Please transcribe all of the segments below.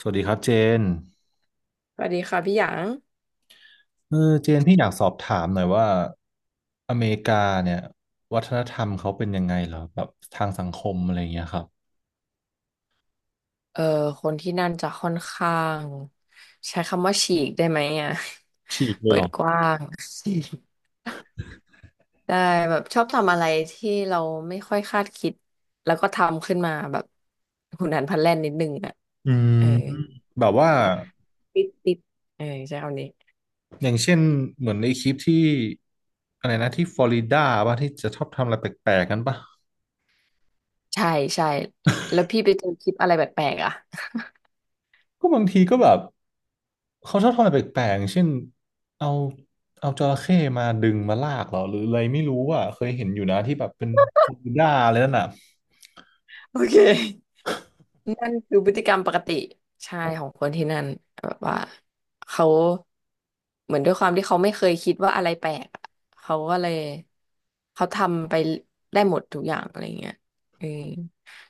สวัสดีครับเจนสวัสดีค่ะพี่หยางเออเจนพี่อยากสอบถามหน่อยว่าอเมริกาเนี่ยวัฒนธรรมเขาเป็นยังไงเหรอแบบทางสังคมอะไรอย่างเงี้ยครับเออคนที่นั่นจะค่อนข้างใช้คำว่าฉีกได้ไหมอ่ะ ฉีก เลยเปิเหรดอกว้าง ได้แบบชอบทำอะไรที่เราไม่ค่อยคาดคิดแล้วก็ทำขึ้นมาแบบหุนหันพลันแล่นนิดนึงอ่ะอืมเออแบบเออว่าติดเออใช้คำนี้อย่างเช่นเหมือนในคลิปที่อะไรนะที่ฟลอริดาป่ะที่จะชอบทำอะไรแปลกๆกันป่ะใช่ใช่แล้วพี่ไปเจอคลิปอะไรแปลกๆอ่ะ ก็บางทีก็แบบเขาชอบทำอะไรแปลกๆอย่างเช่นเอาเอาจระเข้มาดึงมาลากเหรอหรืออะไรไม่รู้อ่ะเคยเห็นอยู่นะที่แบบเป็นฟลอริดาอะไรนั่นน่ะโอเค นั่นคือพฤติกรรมปกติใช่ของคนที่นั่นแบบว่าเขาเหมือนด้วยความที่เขาไม่เคยคิดว่าอะไรแปลกอะเขาก็เลยเขาทำไปได้หมดทุกอย่างอะไรเงี้ยเออ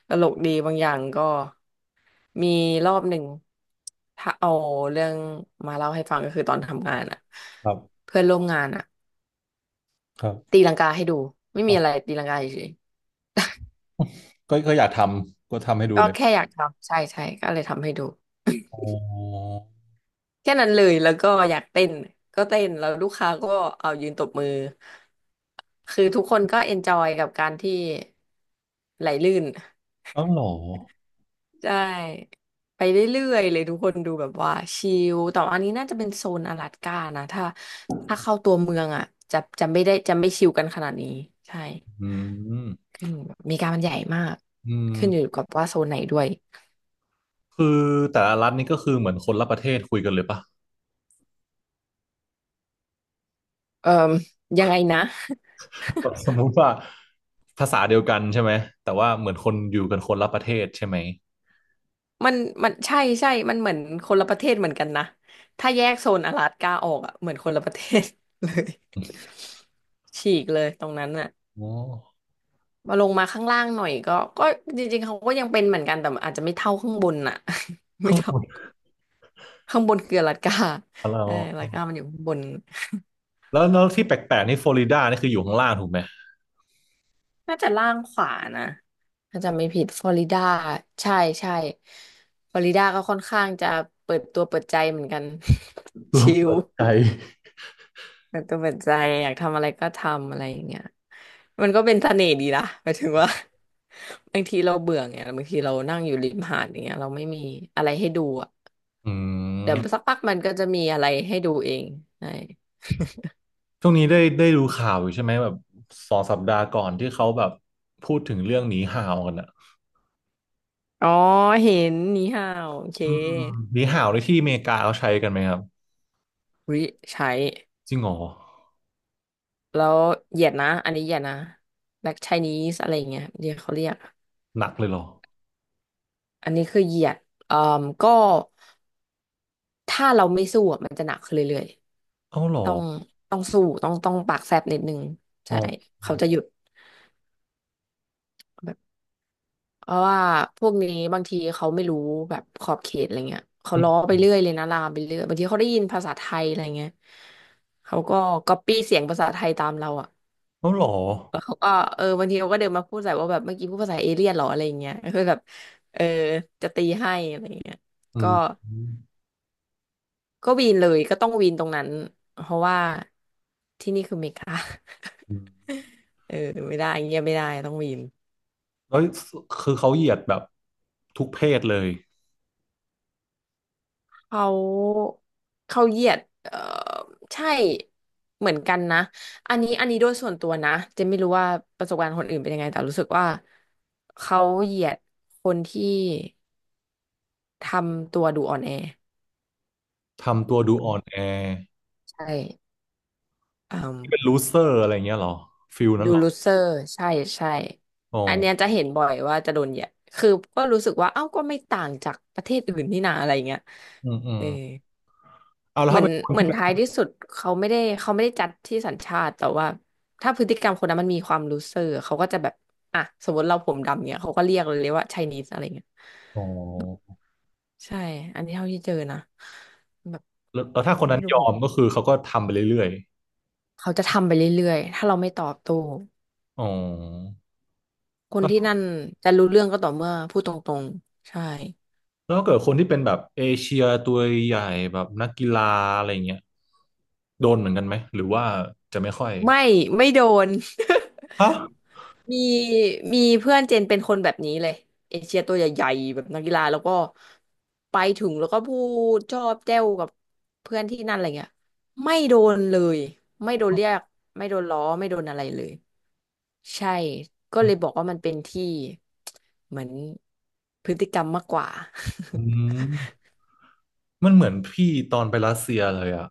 ตลกดีบางอย่างก็มีรอบหนึ่งถ้าเอาเรื่องมาเล่าให้ฟังก็คือตอนทำงานอะครับเพื่อนร่วมงานอะครับ ตีลังกาให้ดูไม่มีอะไรตีลังกาเฉยก็อยากทำก็ทำให้ดูๆก็เลยแค่อยากทำใช่ใช่ก็เลยทำให้ดู อ๋อแค่นั้นเลยแล้วก็อยากเต้นก็เต้นแล้วลูกค้าก็เอายืนตบมือคือทุกคนก็เอนจอยกับการที่ไหลลื่นอ้าวเหรอใช่ไปเรื่อยๆเลยทุกคนดูแบบว่าชิลแต่ว่าอันนี้น่าจะเป็นโซนอลาสก้านะถ้าเข้าตัวเมืองอ่ะจะไม่ได้จะไม่ชิลกันขนาดนี้ใช่อืมขึ้นอเมีการมันใหญ่มากอืมขึ้นอยู่กับว่าโซนไหนด้วยคือแต่ละรัฐนี่ก็คือเหมือนคนละประเทศคุยกันเลยปะเอ่อยังไงนะ แบบสมมุติว่าภาษาเดียวกันใช่ไหมแต่ว่าเหมือนคนอยู่กันคนละประเทศใช่ไหมมันมันใช่ใช่มันเหมือนคนละประเทศเหมือนกันนะถ้าแยกโซนอลาสก้าออกอ่ะเหมือนคนละประเทศเลยฉีกเลยตรงนั้นอ่ะอ๋อมาลงมาข้างล่างหน่อยก็จริงๆเขาก็ยังเป็นเหมือนกันแต่อาจจะไม่เท่าข้างบนอ่ะ ไม่ข้างบเท่านข้างบนคืออลาสก้าเราใช่อลาสก้ามันอยู่ข้างบนแล้วที่แปลกๆนี่ฟลอริดานี่คืออยู่ข้างล่างถูกไหมน่าจะล่างขวานะถ้าจำไม่ผิดฟลอริดาใช่ใช่ฟลอริดาก็ค่อนข้างจะเปิดตัวเปิดใจเหมือนกัน ร วมชิล เปิดใจเปิดตัวเปิดใจอยากทำอะไรก็ทำอะไรอย่างเงี้ยมันก็เป็นเสน่ห์ดีนะหมายถึงว่า บางทีเราเบื่อไงบางทีเรานั่งอยู่ริมหาดอย่างเงี้ยเราไม่มีอะไรให้ดูอ่ะอืเดี๋ยวมสักพักมันก็จะมีอะไรให้ดูเองใช่ช่วงนี้ได้ดูข่าวอยู่ใช่ไหมแบบ2 สัปดาห์ก่อนที่เขาแบบพูดถึงเรื่องหนีห่าวกันอะ อ๋อเห็นนี่ฮาวโอเคอืมหนีห่าวในที่อเมริกาเขาใช้กันไหมครับริใช้จริงเหรอแล้วเหยียดนะอันนี้เหยียดนะ Black Chinese อะไรอย่างเงี้ยเดี๋ยวเขาเรียกหนักเลยเหรออันนี้คือเหยียดเอ่อก็ถ้าเราไม่สู้อะมันจะหนักขึ้นเรื่อย เอ้าเหรอต้องต้องสู้ต้องปากแซบนิดนึงอ๋อใช่เขาจะหยุดแบบเพราะว่าพวกนี้บางทีเขาไม่รู้แบบขอบเขตอะไรเงี้ยเขาอืล้อมไปเรื่อยเลยนะลามไปเรื่อยบางทีเขาได้ยินภาษาไทยอะไรเงี้ยเขาก็ก๊อปปี้เสียงภาษาไทยตามเราอ่ะเอ้าเหรอเขาก็เออบางทีเขาก็เดินมาพูดใส่ว่าแบบเมื่อกี้พูดภาษาเอเลี่ยนเหรออะไรเงี้ยคือแบบเออจะตีให้อะไรเงี้ยอืก็มอืมก็วีนเลยก็ต้องวีนตรงนั้นเพราะว่าที่นี่คืออเมริกา อืม เออไม่ได้เงี้ยไม่ได้ต้องวีน แล้วคือเขาเหยียดแบบทุกเพศเลยเขาเขาเหยียดเออใช่เหมือนกันนะอันนี้โดยส่วนตัวนะเจะไม่รู้ว่าประสบการณ์คนอื่นเป็นยังไงแต่รู้สึกว่าเขาเหยียดคนที่ทำตัวดูอ่อนแอทำตัวดูอ่อนแอใช่อืมเป็นลูเซอร์อะไรอย่างเงี้ยเหรอฟิลนั้นดูเหรอลูเซอร์ใช่ใช่อ๋ออันเนี้ยจะเห็นบ่อยว่าจะโดนเหยียดคือก็รู้สึกว่าเอ้าก็ไม่ต่างจากประเทศอื่นนี่นาอะไรเงี้ยอืมอืเอมอ เอาแล้วเหมือถ้านเป็นคนเหมือที่นแบบท้ายที่สุดเขาไม่ได้จัดที่สัญชาติแต่ว่าถ้าพฤติกรรมคนนั้นมันมีความรู้เซอร์เขาก็จะแบบอ่ะสมมติเราผมดำเนี่ยเขาก็เรียกเลยว่าไชนีสอะไรเงี้ยอ๋อใช่อันนี้เท่าที่เจอนะแบบแล้วอืถ้าคมนนั้ไม่นรู้ยอผมมก็คือเขาก็ทำไปเรื่อยเขาจะทำไปเรื่อยๆถ้าเราไม่ตอบโต้ๆอ๋อ คนที่นั่นจะรู้เรื่องก็ต่อเมื่อพูดตรงๆใช่แล้วถ้าเกิดคนที่เป็นแบบเอเชียตัวใหญ่แบบนักกีฬาอะไรเงี้ยโดนเหมือนกันไหมหรือว่าจะไม่ค่อยไม่ไม่โดน ฮะมีมีเพื่อนเจนเป็นคนแบบนี้เลยเอเชียตัวใหญ่ๆแบบนักกีฬาแล้วก็ไปถึงแล้วก็พูดชอบแจ้วกับเพื่อนที่นั่นอะไรเงี้ยไม่โดนเลยไม่โดนเรียกไม่โดนล้อไม่โดนอะไรเลยใช่ก็เลยบอกว่ามันเป็นที่ เหมือนพฤติกรรมมากกว่า อืมมันเหมือนพี่ตอนไปรัสเซียเลยอะ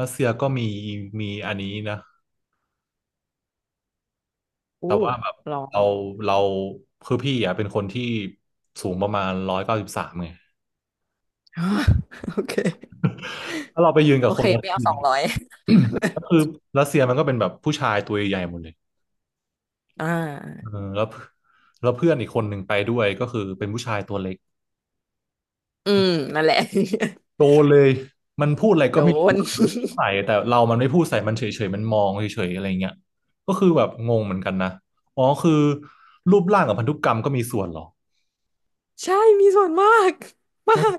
รัสเซียก็มีมีอันนี้นะ อู้แต่ว่าร้อง เราเราคือพี่อะเป็นคนที่สูงประมาณ193ไง โอเค ถ้าเราไปยืนกัโอบคเคนรัสไม่เอาเซีย 200 ก็คือ รัสเซียมันก็เป็นแบบผู้ชายตัวใหญ่หมดเลยอ่เออาแล้วแล้วเพื่อนอีกคนหนึ่งไปด้วยก็คือเป็นผู้ชายตัวเล็ก อืมนั่นแหละ โด นเลย มันพูดอะไรโดก็ไม่น ใส่แต่เรามันไม่พูดใส่มันเฉยๆมันมองเฉยๆอะไรเงี้ยก็คือแบบงงเหมือนกันนะอ๋อคือรูปร่างกับพันธุกรรมก็มีส่วนเหรอใช่มีส่วนมาก มาเฮ้ยก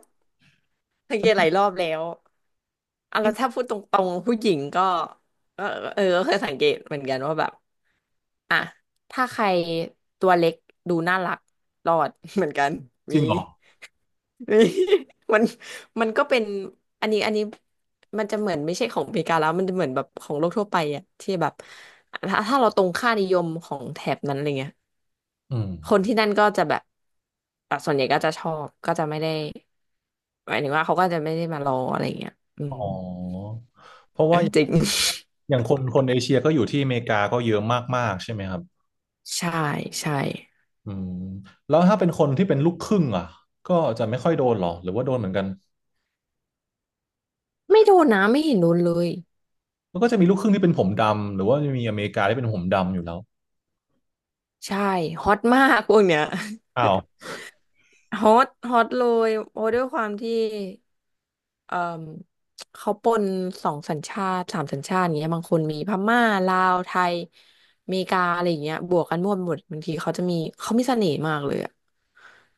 สังเกตหลายรอบแล้วอ่ะนี่แล้วถ้าพูดตรงๆผู้หญิงก็เออเออก็เคยสังเกตเหมือนกันว่าแบบอ่ะถ้าใครตัวเล็กดูน่ารักรอด เหมือนกันจมี ริงเหรอ มีมันมันก็เป็นอันนี้มันจะเหมือนไม่ใช่ของอเมริกาแล้วมันจะเหมือนแบบของโลกทั่วไปอะที่แบบถ้าเราตรงค่านิยมของแถบนั้นอะไรเงี้ย อืมคนที่นั่นก็จะแบบอ่ะส่วนใหญ่ก็จะชอบก็จะไม่ได้หมายถึงว่าเขาก็จะไม่ได้มารออะไรเงี้ยอือ๋ม อเพราะ เออว่าจริง อย่างคนคนเอเชียก็อยู่ที่อเมริกาก็เยอะมากๆใช่ไหมครับ ใช่ใช่อืมแล้วถ้าเป็นคนที่เป็นลูกครึ่งอ่ะก็จะไม่ค่อยโดนเหรอ หรือว่าโดนเหมือนกันไม่โดนนะไม่เห็นโดนเลยมันก็จะมีลูกครึ่งที่เป็นผมดำหรือว่าจะมีอเมริกาที่เป็นผมดำอยู่แล้วใช่ฮอตมากพวกเนี้ย อ้าว ฮอตฮอตเลยเพราะด้วยความที่ เอ่อเขาปนสองสัญชาติสามสัญชาติอย่างเงี้ยบางคนมีพม่าลาวไทยอเมริกาอะไรอย่างเงี้ยบวกกันมั่วไปหมดบางทีเขามีเสน่ห์มากเลยอะ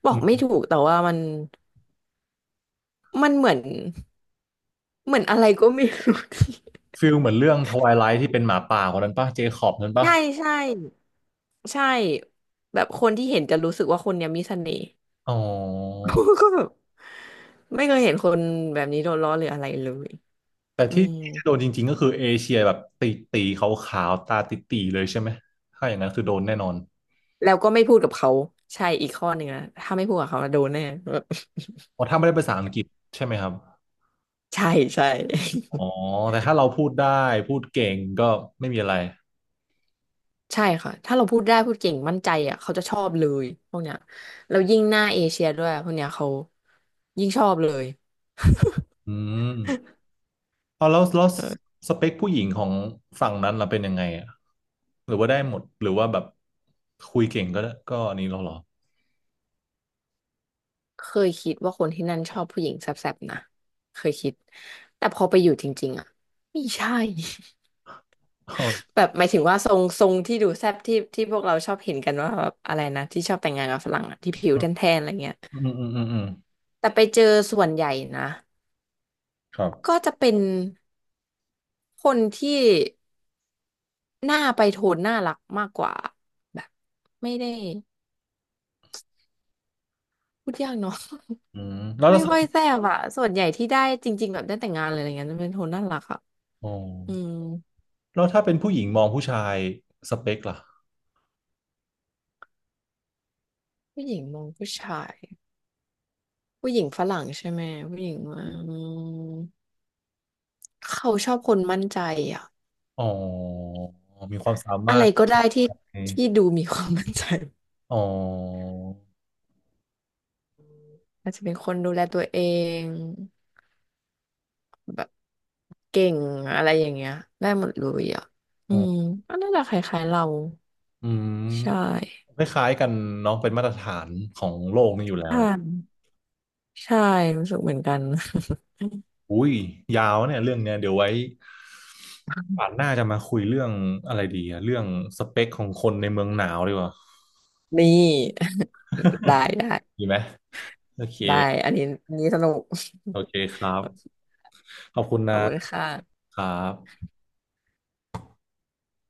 บอกไม่ถูกแต่ว่ามันเหมือนเหมือนอะไรก็ไม่รู้ ที่ ฟิลเหมือนเรื่องทวายไลท์ที่เป็นหมาป่าคนนั้นปะเจคอบนั้น ปะใช่ใช่ใช่แบบคนที่เห็นจะรู้สึกว่าคนเนี้ยมีเสน่ห์ อ๋อ ก็แบบไม่เคยเห็นคนแบบนี้โดนล้อหรืออะไรเลยแต่อืที่ม ที่จะโดนจริงๆก็คือเอเชียแบบตีตีขาวๆตาติตีๆเลยใช่ไหมถ้าอย่างนั้นคือโดนแน่นอนแล้วก็ไม่พูดกับเขาใช่อีกข้อหนึ่งนะถ้าไม่พูดกับเขานะโดนแน่ เพราะถ้าไม่ได้ภาษาอังกฤษใช่ไหมครับใช่ใช่ อ๋อ แต่ถ้าเราพูดได้พูดเก่งก็ไม่มีอะไรใช่ค่ะถ้าเราพูดได้พูดเก่งมั่นใจอ่ะเขาจะชอบเลยพวกเนี้ยแล้วยิ่งหน้าเอเชียด้วยพวกเนี้ยเขายิ่งชอบเลยอืมเอาแล้วเออสเปคผู้หญิงของฝั่งนั้นเราเป็นยังไงอ่ะหรือว่าได้หมดหรือว่าแบบคุยเก่งก็อันนี้เราเหรอเคยคิดว่าคนที่นั่นชอบผู้หญิงแซ่บๆนะเคยคิดแต่พอไปอยู่จริงๆอ่ะไม่ใช่ อ๋อ แบบหมายถึงว่าทรงที่ดูแซ่บที่พวกเราชอบเห็นกันว่าแบบอะไรนะที่ชอบแต่งงานกับฝรั่งอะที่ผิวแทนๆอะไรเงี้ยอืมอืมอืมอืมแต่ไปเจอส่วนใหญ่นะ ครัก็บจะเป็นคนที่หน้าไปโทนน่ารักมากกว่าแบบไม่ได้พูดยากเนาะ อืมแล้ วไม่เรา ค่อยแซ่บอะส่วนใหญ่ที่ได้จริงๆแบบได้แต่งงานอะไรอย่างเงี้ยจะเป็นโทนน่ารักอะอ๋ออืมแล้วถ้าเป็นผู้หญิงมองผู้ชายสเปคล่ะผู้หญิงมองผู้ชายผู้หญิงฝรั่งใช่ไหมผู้หญิงว่าอืมเขาชอบคนมั่นใจอะอ๋อมีความสามาอะไรรถก็ได้ที่ไหมที่ดูมีความมั่นใจอ๋ออาจจะเป็นคนดูแลตัวเอง แบบเก่งอะไรอย่างเงี้ยได้หมดเลยอ่ะอือ๋อมก็น่าจะคล้ายๆเราอืใชม่คล้ายๆกันเน้องเป็นมาตรฐานของโลกนี่อยู่แล้วใช่านใช่รู้สึกเหมือนกัน อุ้ยยาวเนี่ยเรื่องเนี้ยเดี๋ยวไว้ป่านหน้าจะมาคุยเรื่องอะไรดีอะเรื่องสเปคของคนในเมืองหนาวดีกว่า นี่ ได้ดีไหมโอเคได้อันนี้อันนี้สนุก โอเคครั บโอเคขอบคุณขนะอบคุณค่ะครับ